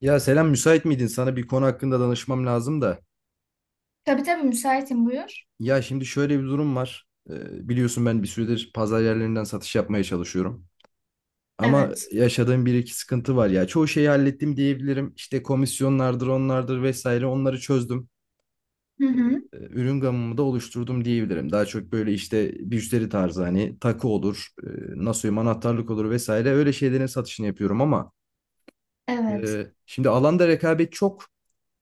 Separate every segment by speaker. Speaker 1: Ya selam, müsait miydin? Sana bir konu hakkında danışmam lazım da.
Speaker 2: Tabii tabii müsaitim, buyur.
Speaker 1: Ya şimdi şöyle bir durum var. Biliyorsun ben bir süredir pazar yerlerinden satış yapmaya çalışıyorum. Ama
Speaker 2: Evet.
Speaker 1: yaşadığım bir iki sıkıntı var ya. Çoğu şeyi hallettim diyebilirim. İşte komisyonlardır, onlardır vesaire, onları çözdüm.
Speaker 2: Hı hı.
Speaker 1: Ürün gamımı da oluşturdum diyebilirim. Daha çok böyle işte müşteri tarzı, hani takı olur, nasıl diyeyim, anahtarlık olur vesaire, öyle şeylerin satışını yapıyorum ama
Speaker 2: Evet.
Speaker 1: şimdi alanda rekabet çok.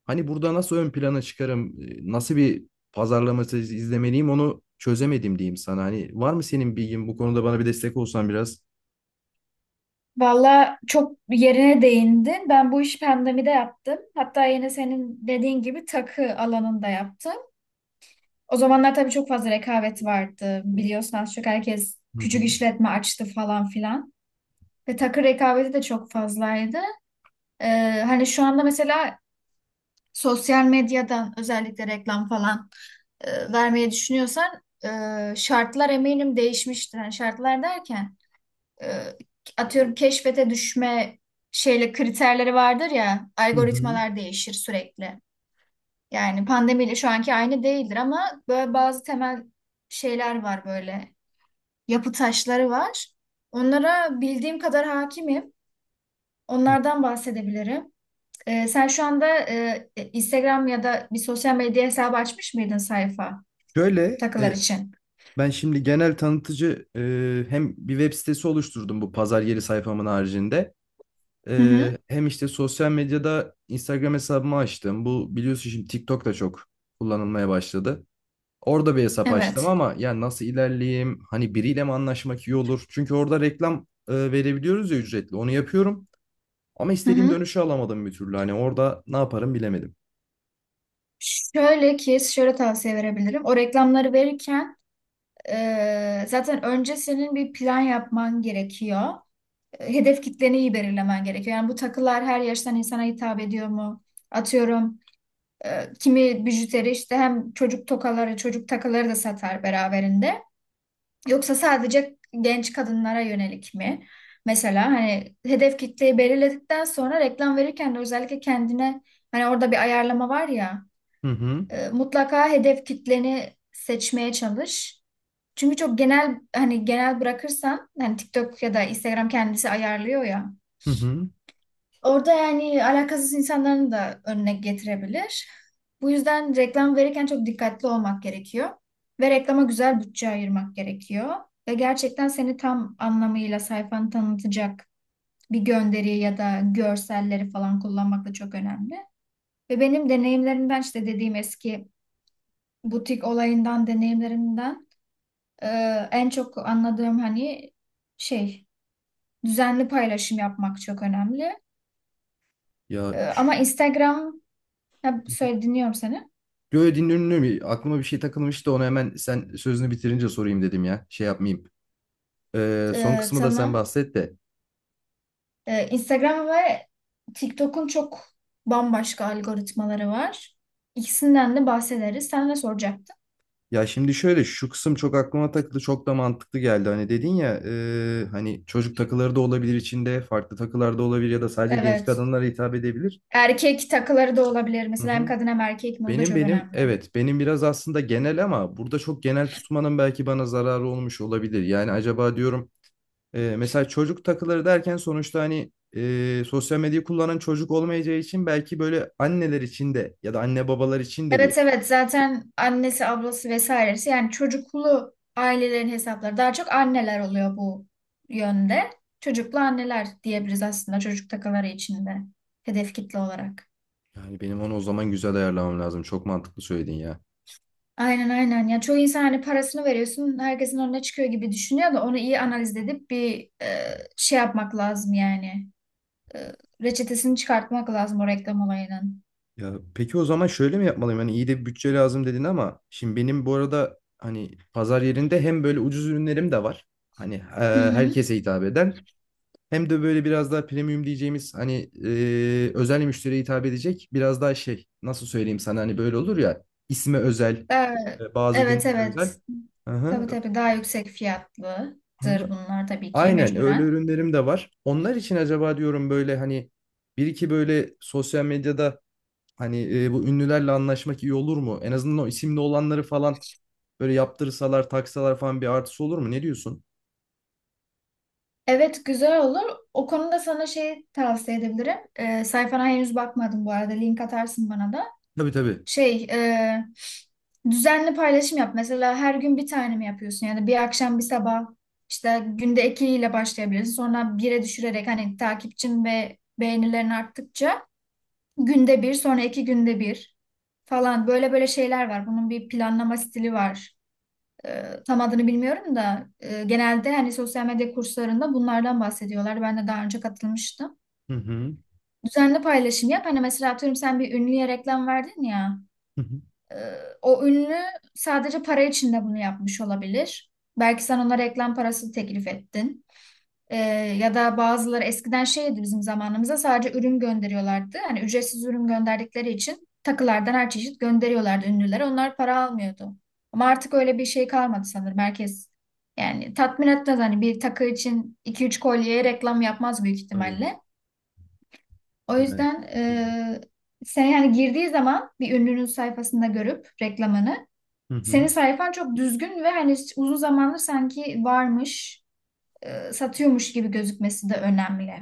Speaker 1: Hani burada nasıl ön plana çıkarım, nasıl bir pazarlaması izlemeliyim, onu çözemedim diyeyim sana. Hani var mı senin bilgin bu konuda, bana bir destek olsan biraz?
Speaker 2: Valla çok yerine değindin. Ben bu işi pandemide yaptım. Hatta yine senin dediğin gibi takı alanında yaptım. O zamanlar tabii çok fazla rekabet vardı. Biliyorsun az çok herkes
Speaker 1: Hı.
Speaker 2: küçük işletme açtı, falan filan. Ve takı rekabeti de çok fazlaydı. Hani şu anda mesela sosyal medyadan özellikle reklam falan vermeyi düşünüyorsan şartlar eminim değişmiştir. Yani şartlar derken e, atıyorum keşfete düşme şeyle kriterleri vardır ya,
Speaker 1: Hı hı.
Speaker 2: algoritmalar değişir sürekli. Yani pandemiyle şu anki aynı değildir ama böyle bazı temel şeyler var, böyle yapı taşları var. Onlara bildiğim kadar hakimim.
Speaker 1: Hı.
Speaker 2: Onlardan bahsedebilirim. Sen şu anda Instagram ya da bir sosyal medya hesabı açmış mıydın, sayfa
Speaker 1: Şöyle
Speaker 2: takılar
Speaker 1: e,
Speaker 2: için?
Speaker 1: ben şimdi genel tanıtıcı hem bir web sitesi oluşturdum bu pazar yeri sayfamın haricinde.
Speaker 2: Hı hı.
Speaker 1: E, hem işte sosyal medyada Instagram hesabımı açtım. Bu biliyorsun, şimdi TikTok da çok kullanılmaya başladı. Orada bir hesap açtım
Speaker 2: Evet.
Speaker 1: ama ya nasıl ilerleyeyim? Hani biriyle mi anlaşmak iyi olur? Çünkü orada reklam verebiliyoruz ya, ücretli. Onu yapıyorum. Ama
Speaker 2: Hı
Speaker 1: istediğim
Speaker 2: hı.
Speaker 1: dönüşü alamadım bir türlü. Hani orada ne yaparım bilemedim.
Speaker 2: Şöyle ki şöyle tavsiye verebilirim. O reklamları verirken zaten önce senin bir plan yapman gerekiyor. Hedef kitleni iyi belirlemen gerekiyor. Yani bu takılar her yaştan insana hitap ediyor mu? Atıyorum kimi bijuteri işte hem çocuk tokaları, çocuk takıları da satar beraberinde. Yoksa sadece genç kadınlara yönelik mi? Mesela hani hedef kitleyi belirledikten sonra reklam verirken de özellikle kendine, hani orada bir ayarlama var ya,
Speaker 1: Hı hı.
Speaker 2: mutlaka hedef kitleni seçmeye çalış. Çünkü çok genel, hani genel bırakırsan hani TikTok ya da Instagram kendisi ayarlıyor ya.
Speaker 1: Hı hı.
Speaker 2: Orada yani alakasız insanların da önüne getirebilir. Bu yüzden reklam verirken çok dikkatli olmak gerekiyor. Ve reklama güzel bütçe ayırmak gerekiyor. Ve gerçekten seni tam anlamıyla sayfanı tanıtacak bir gönderi ya da görselleri falan kullanmak da çok önemli. Ve benim deneyimlerimden, işte dediğim eski butik olayından deneyimlerimden, e, en çok anladığım hani şey, düzenli paylaşım yapmak çok önemli.
Speaker 1: Ya
Speaker 2: Ama
Speaker 1: şş,
Speaker 2: Instagram, ha, söyle, dinliyorum seni.
Speaker 1: Yo, dinliyorum. Aklıma bir şey takılmıştı. Onu hemen sen sözünü bitirince sorayım dedim ya. Şey yapmayayım. E, son
Speaker 2: Ee,
Speaker 1: kısmı da sen
Speaker 2: tamam.
Speaker 1: bahset de.
Speaker 2: Instagram ve TikTok'un çok bambaşka algoritmaları var. İkisinden de bahsederiz. Sen ne soracaktın?
Speaker 1: Ya şimdi şöyle, şu kısım çok aklıma takıldı, çok da mantıklı geldi. Hani dedin ya, hani çocuk takıları da olabilir içinde, farklı takılar da olabilir ya da sadece genç
Speaker 2: Evet.
Speaker 1: kadınlara hitap edebilir.
Speaker 2: Erkek takıları da olabilir.
Speaker 1: Hı
Speaker 2: Mesela hem
Speaker 1: hı.
Speaker 2: kadın hem erkek mi? O da
Speaker 1: Benim
Speaker 2: çok
Speaker 1: benim
Speaker 2: önemli.
Speaker 1: evet, benim biraz aslında genel, ama burada çok genel tutmanın belki bana zararı olmuş olabilir. Yani acaba diyorum, mesela çocuk takıları derken sonuçta, hani sosyal medyayı kullanan çocuk olmayacağı için belki böyle anneler için de ya da anne babalar için de bir.
Speaker 2: Evet, evet, zaten annesi, ablası, vesairesi, yani çocuklu ailelerin hesapları daha çok anneler oluyor bu yönde. Çocuklu anneler diyebiliriz aslında, çocuk takaları içinde hedef kitle olarak.
Speaker 1: Yani benim onu o zaman güzel ayarlamam lazım. Çok mantıklı söyledin ya.
Speaker 2: Aynen, aynen, ya çoğu insan hani parasını veriyorsun herkesin önüne çıkıyor gibi düşünüyor da, onu iyi analiz edip bir şey yapmak lazım yani. E, reçetesini çıkartmak lazım o reklam olayının.
Speaker 1: Ya peki, o zaman şöyle mi yapmalıyım? Hani iyi de bir bütçe lazım dedin, ama şimdi benim bu arada hani pazar yerinde hem böyle ucuz ürünlerim de var. Hani
Speaker 2: Hı hı.
Speaker 1: herkese hitap eden, hem de böyle biraz daha premium diyeceğimiz, hani özel müşteriye hitap edecek biraz daha şey, nasıl söyleyeyim sana, hani böyle olur ya, isme özel,
Speaker 2: Ee,
Speaker 1: bazı
Speaker 2: evet
Speaker 1: günlere
Speaker 2: evet.
Speaker 1: özel. Hı hı,
Speaker 2: Tabii, tabii, daha yüksek
Speaker 1: hı
Speaker 2: fiyatlıdır
Speaker 1: hı.
Speaker 2: bunlar tabii ki
Speaker 1: Aynen, öyle
Speaker 2: mecburen.
Speaker 1: ürünlerim de var. Onlar için acaba diyorum böyle hani bir iki böyle sosyal medyada. Hani bu ünlülerle anlaşmak iyi olur mu? En azından o isimli olanları falan böyle yaptırsalar, taksalar falan, bir artısı olur mu? Ne diyorsun?
Speaker 2: Evet, güzel olur. O konuda sana şey tavsiye edebilirim. Sayfana henüz bakmadım bu arada. Link atarsın bana da.
Speaker 1: Tabii tabii.
Speaker 2: Şey, düzenli paylaşım yap. Mesela her gün bir tane mi yapıyorsun? Yani bir akşam bir sabah, işte günde iki ile başlayabilirsin. Sonra bire düşürerek, hani takipçin ve beğenilerin arttıkça günde bir, sonra iki günde bir falan, böyle böyle şeyler var. Bunun bir planlama stili var. Tam adını bilmiyorum da genelde hani sosyal medya kurslarında bunlardan bahsediyorlar. Ben de daha önce katılmıştım.
Speaker 1: Hı hı.
Speaker 2: Düzenli paylaşım yap. Hani mesela atıyorum sen bir ünlüye reklam verdin ya.
Speaker 1: Hı hı.
Speaker 2: e, o ünlü sadece para için de bunu yapmış olabilir. Belki sen ona reklam parası teklif ettin. Ee, ya da bazıları eskiden şeydi, bizim zamanımızda sadece ürün gönderiyorlardı. Hani ücretsiz ürün gönderdikleri için takılardan her çeşit gönderiyorlardı ünlülere. Onlar para almıyordu. Ama artık öyle bir şey kalmadı sanırım. Herkes yani tatmin etmez. Hani bir takı için iki üç kolyeye reklam yapmaz büyük
Speaker 1: Tabii.
Speaker 2: ihtimalle. O
Speaker 1: Yani.
Speaker 2: yüzden
Speaker 1: Hı hı.
Speaker 2: sen yani girdiği zaman bir ünlünün sayfasında görüp reklamını,
Speaker 1: Hı
Speaker 2: senin
Speaker 1: hı.
Speaker 2: sayfan çok düzgün ve hani uzun zamandır sanki varmış, satıyormuş gibi gözükmesi de önemli.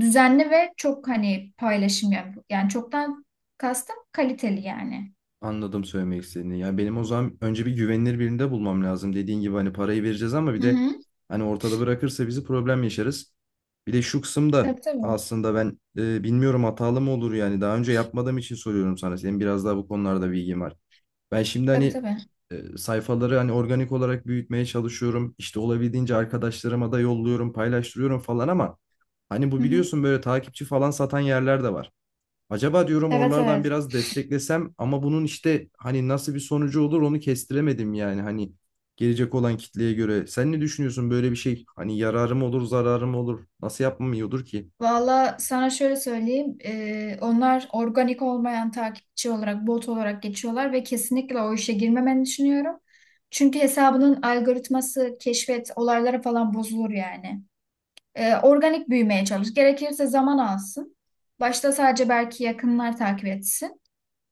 Speaker 2: Düzenli ve çok hani paylaşım yap. Yani çoktan kastım kaliteli yani.
Speaker 1: Anladım söylemek istediğini. Yani benim o zaman önce bir güvenilir birinde bulmam lazım. Dediğin gibi, hani parayı vereceğiz ama bir
Speaker 2: Hı
Speaker 1: de
Speaker 2: hı.
Speaker 1: hani ortada bırakırsa bizi, problem yaşarız. Bir de şu kısımda
Speaker 2: Tabii, tabii.
Speaker 1: aslında ben bilmiyorum hatalı mı olur, yani daha önce yapmadığım için soruyorum sana. Senin biraz daha bu konularda bilgin var. Ben şimdi
Speaker 2: Tabii,
Speaker 1: hani
Speaker 2: tabii.
Speaker 1: sayfaları hani organik olarak büyütmeye çalışıyorum. İşte olabildiğince arkadaşlarıma da yolluyorum, paylaştırıyorum falan, ama hani
Speaker 2: Hı
Speaker 1: bu
Speaker 2: hı.
Speaker 1: biliyorsun, böyle takipçi falan satan yerler de var. Acaba diyorum
Speaker 2: Evet,
Speaker 1: oralardan
Speaker 2: evet.
Speaker 1: biraz desteklesem, ama bunun işte hani nasıl bir sonucu olur onu kestiremedim, yani hani gelecek olan kitleye göre. Sen ne düşünüyorsun böyle bir şey? Hani yararım olur, zararım olur. Nasıl yapmam iyi olur ki?
Speaker 2: Valla sana şöyle söyleyeyim. Onlar organik olmayan takipçi olarak, bot olarak geçiyorlar ve kesinlikle o işe girmemeni düşünüyorum. Çünkü hesabının algoritması, keşfet, olaylara falan bozulur yani. Organik büyümeye çalış. Gerekirse zaman alsın. Başta sadece belki yakınlar takip etsin.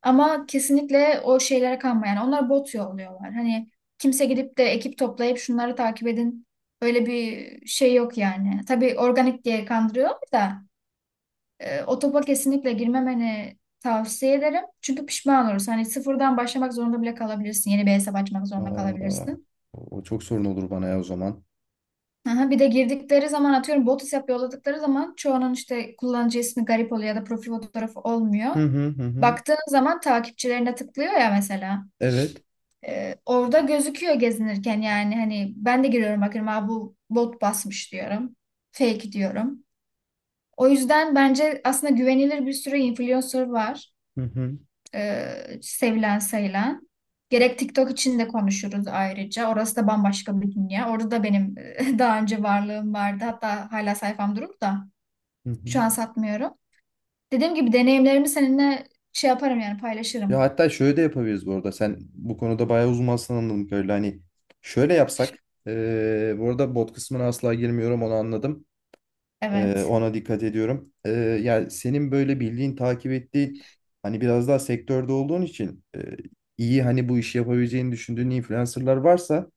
Speaker 2: Ama kesinlikle o şeylere kanma. Yani onlar bot yolluyorlar. Hani kimse gidip de ekip toplayıp şunları takip edin. Öyle bir şey yok yani. Tabii organik diye kandırıyor da, o topa kesinlikle girmemeni tavsiye ederim. Çünkü pişman olursun. Hani sıfırdan başlamak zorunda bile kalabilirsin. Yeni bir hesap açmak zorunda
Speaker 1: Aa,
Speaker 2: kalabilirsin.
Speaker 1: o çok sorun olur bana ya o zaman.
Speaker 2: Aha, bir de girdikleri zaman atıyorum bot hesap yolladıkları zaman çoğunun işte kullanıcı ismi garip oluyor ya da profil fotoğrafı olmuyor.
Speaker 1: Hı hı, hı hı.
Speaker 2: Baktığın zaman takipçilerine tıklıyor ya mesela.
Speaker 1: Evet.
Speaker 2: Orada gözüküyor gezinirken yani, hani ben de giriyorum bakıyorum, aa, bu bot basmış diyorum. Fake diyorum. O yüzden bence aslında güvenilir bir sürü influencer var,
Speaker 1: Hı hı,
Speaker 2: sevilen sayılan. Gerek TikTok için de konuşuruz ayrıca. Orası da bambaşka bir dünya. Orada da benim daha önce varlığım vardı. Hatta hala sayfam durur da
Speaker 1: hı hı.
Speaker 2: şu an satmıyorum. Dediğim gibi deneyimlerimi seninle şey yaparım yani,
Speaker 1: Ya
Speaker 2: paylaşırım.
Speaker 1: hatta şöyle de yapabiliriz bu arada. Sen bu konuda bayağı uzmansın, anladım kadarıyla. Hani şöyle yapsak. Bu arada bot kısmına asla girmiyorum, onu anladım.
Speaker 2: Evet.
Speaker 1: Ona dikkat ediyorum. Yani senin böyle bildiğin, takip ettiğin, hani biraz daha sektörde olduğun için iyi hani bu işi yapabileceğini düşündüğün influencerlar varsa,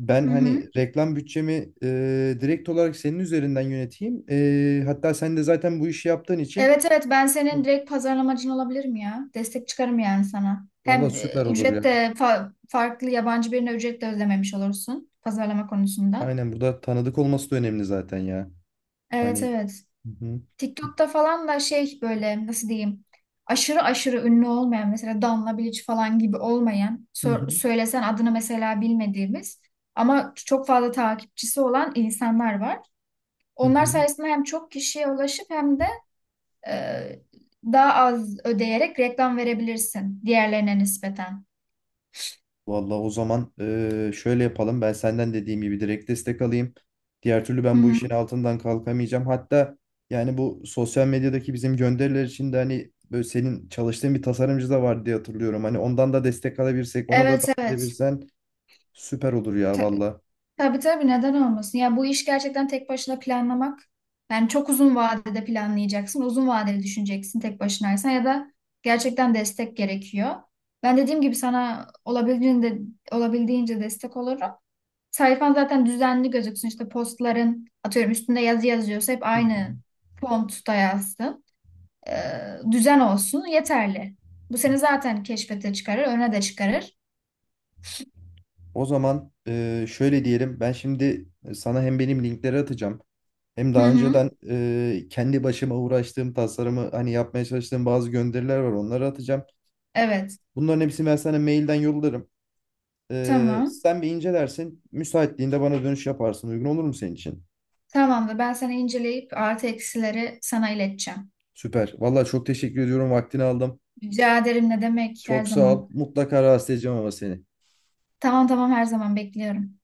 Speaker 1: ben
Speaker 2: Hı
Speaker 1: hani
Speaker 2: hı.
Speaker 1: reklam bütçemi direkt olarak senin üzerinden yöneteyim. Hatta sen de zaten bu işi yaptığın için
Speaker 2: Evet, evet, ben senin direkt pazarlamacın olabilirim ya. Destek çıkarım yani sana.
Speaker 1: valla
Speaker 2: Hem
Speaker 1: süper olur ya.
Speaker 2: ücret de farklı yabancı birine ücret de ödememiş olursun pazarlama konusunda.
Speaker 1: Aynen, burada tanıdık olması da önemli zaten ya.
Speaker 2: Evet,
Speaker 1: Hani
Speaker 2: evet.
Speaker 1: hı hı.
Speaker 2: TikTok'ta falan da şey, böyle nasıl diyeyim, aşırı aşırı ünlü olmayan, mesela Danla Bilic falan gibi olmayan,
Speaker 1: Hı hı,
Speaker 2: söylesen adını mesela bilmediğimiz ama çok fazla takipçisi olan insanlar var.
Speaker 1: hı
Speaker 2: Onlar
Speaker 1: hı.
Speaker 2: sayesinde hem çok kişiye ulaşıp hem de e, daha az ödeyerek reklam verebilirsin diğerlerine nispeten.
Speaker 1: Vallahi o zaman şöyle yapalım. Ben senden dediğim gibi direkt destek alayım. Diğer türlü
Speaker 2: Hı
Speaker 1: ben bu
Speaker 2: hı.
Speaker 1: işin altından kalkamayacağım. Hatta yani bu sosyal medyadaki bizim gönderiler için de hani böyle senin çalıştığın bir tasarımcı da var diye hatırlıyorum. Hani ondan da destek alabilirsek, onu da
Speaker 2: Evet,
Speaker 1: dahil
Speaker 2: evet.
Speaker 1: edebilirsen süper olur ya valla.
Speaker 2: Tabii, tabii, neden olmasın? Ya bu iş gerçekten tek başına planlamak. Yani çok uzun vadede planlayacaksın, uzun vadeli düşüneceksin tek başınaysan ya da gerçekten destek gerekiyor. Ben dediğim gibi sana olabildiğince, olabildiğince destek olurum. Sayfan zaten düzenli gözüksün. İşte postların atıyorum üstünde yazı yazıyorsa hep
Speaker 1: Hı hı.
Speaker 2: aynı fontta yazsın. Ee, düzen olsun yeterli. Bu seni zaten keşfete çıkarır, öne de çıkarır.
Speaker 1: O zaman şöyle diyelim. Ben şimdi sana hem benim linkleri atacağım. Hem
Speaker 2: Hı
Speaker 1: daha
Speaker 2: hı.
Speaker 1: önceden kendi başıma uğraştığım, tasarımı hani yapmaya çalıştığım bazı gönderiler var. Onları atacağım.
Speaker 2: Evet.
Speaker 1: Bunların hepsini ben sana mailden yollarım. E,
Speaker 2: Tamam.
Speaker 1: sen bir incelersin. Müsaitliğinde bana dönüş yaparsın. Uygun olur mu senin için?
Speaker 2: Tamamdır. Ben sana inceleyip artı eksileri sana ileteceğim.
Speaker 1: Süper. Vallahi çok teşekkür ediyorum. Vaktini aldım.
Speaker 2: Rica ederim, ne demek, her
Speaker 1: Çok sağ ol.
Speaker 2: zaman.
Speaker 1: Mutlaka rahatsız edeceğim ama seni.
Speaker 2: Tamam, tamam, her zaman bekliyorum.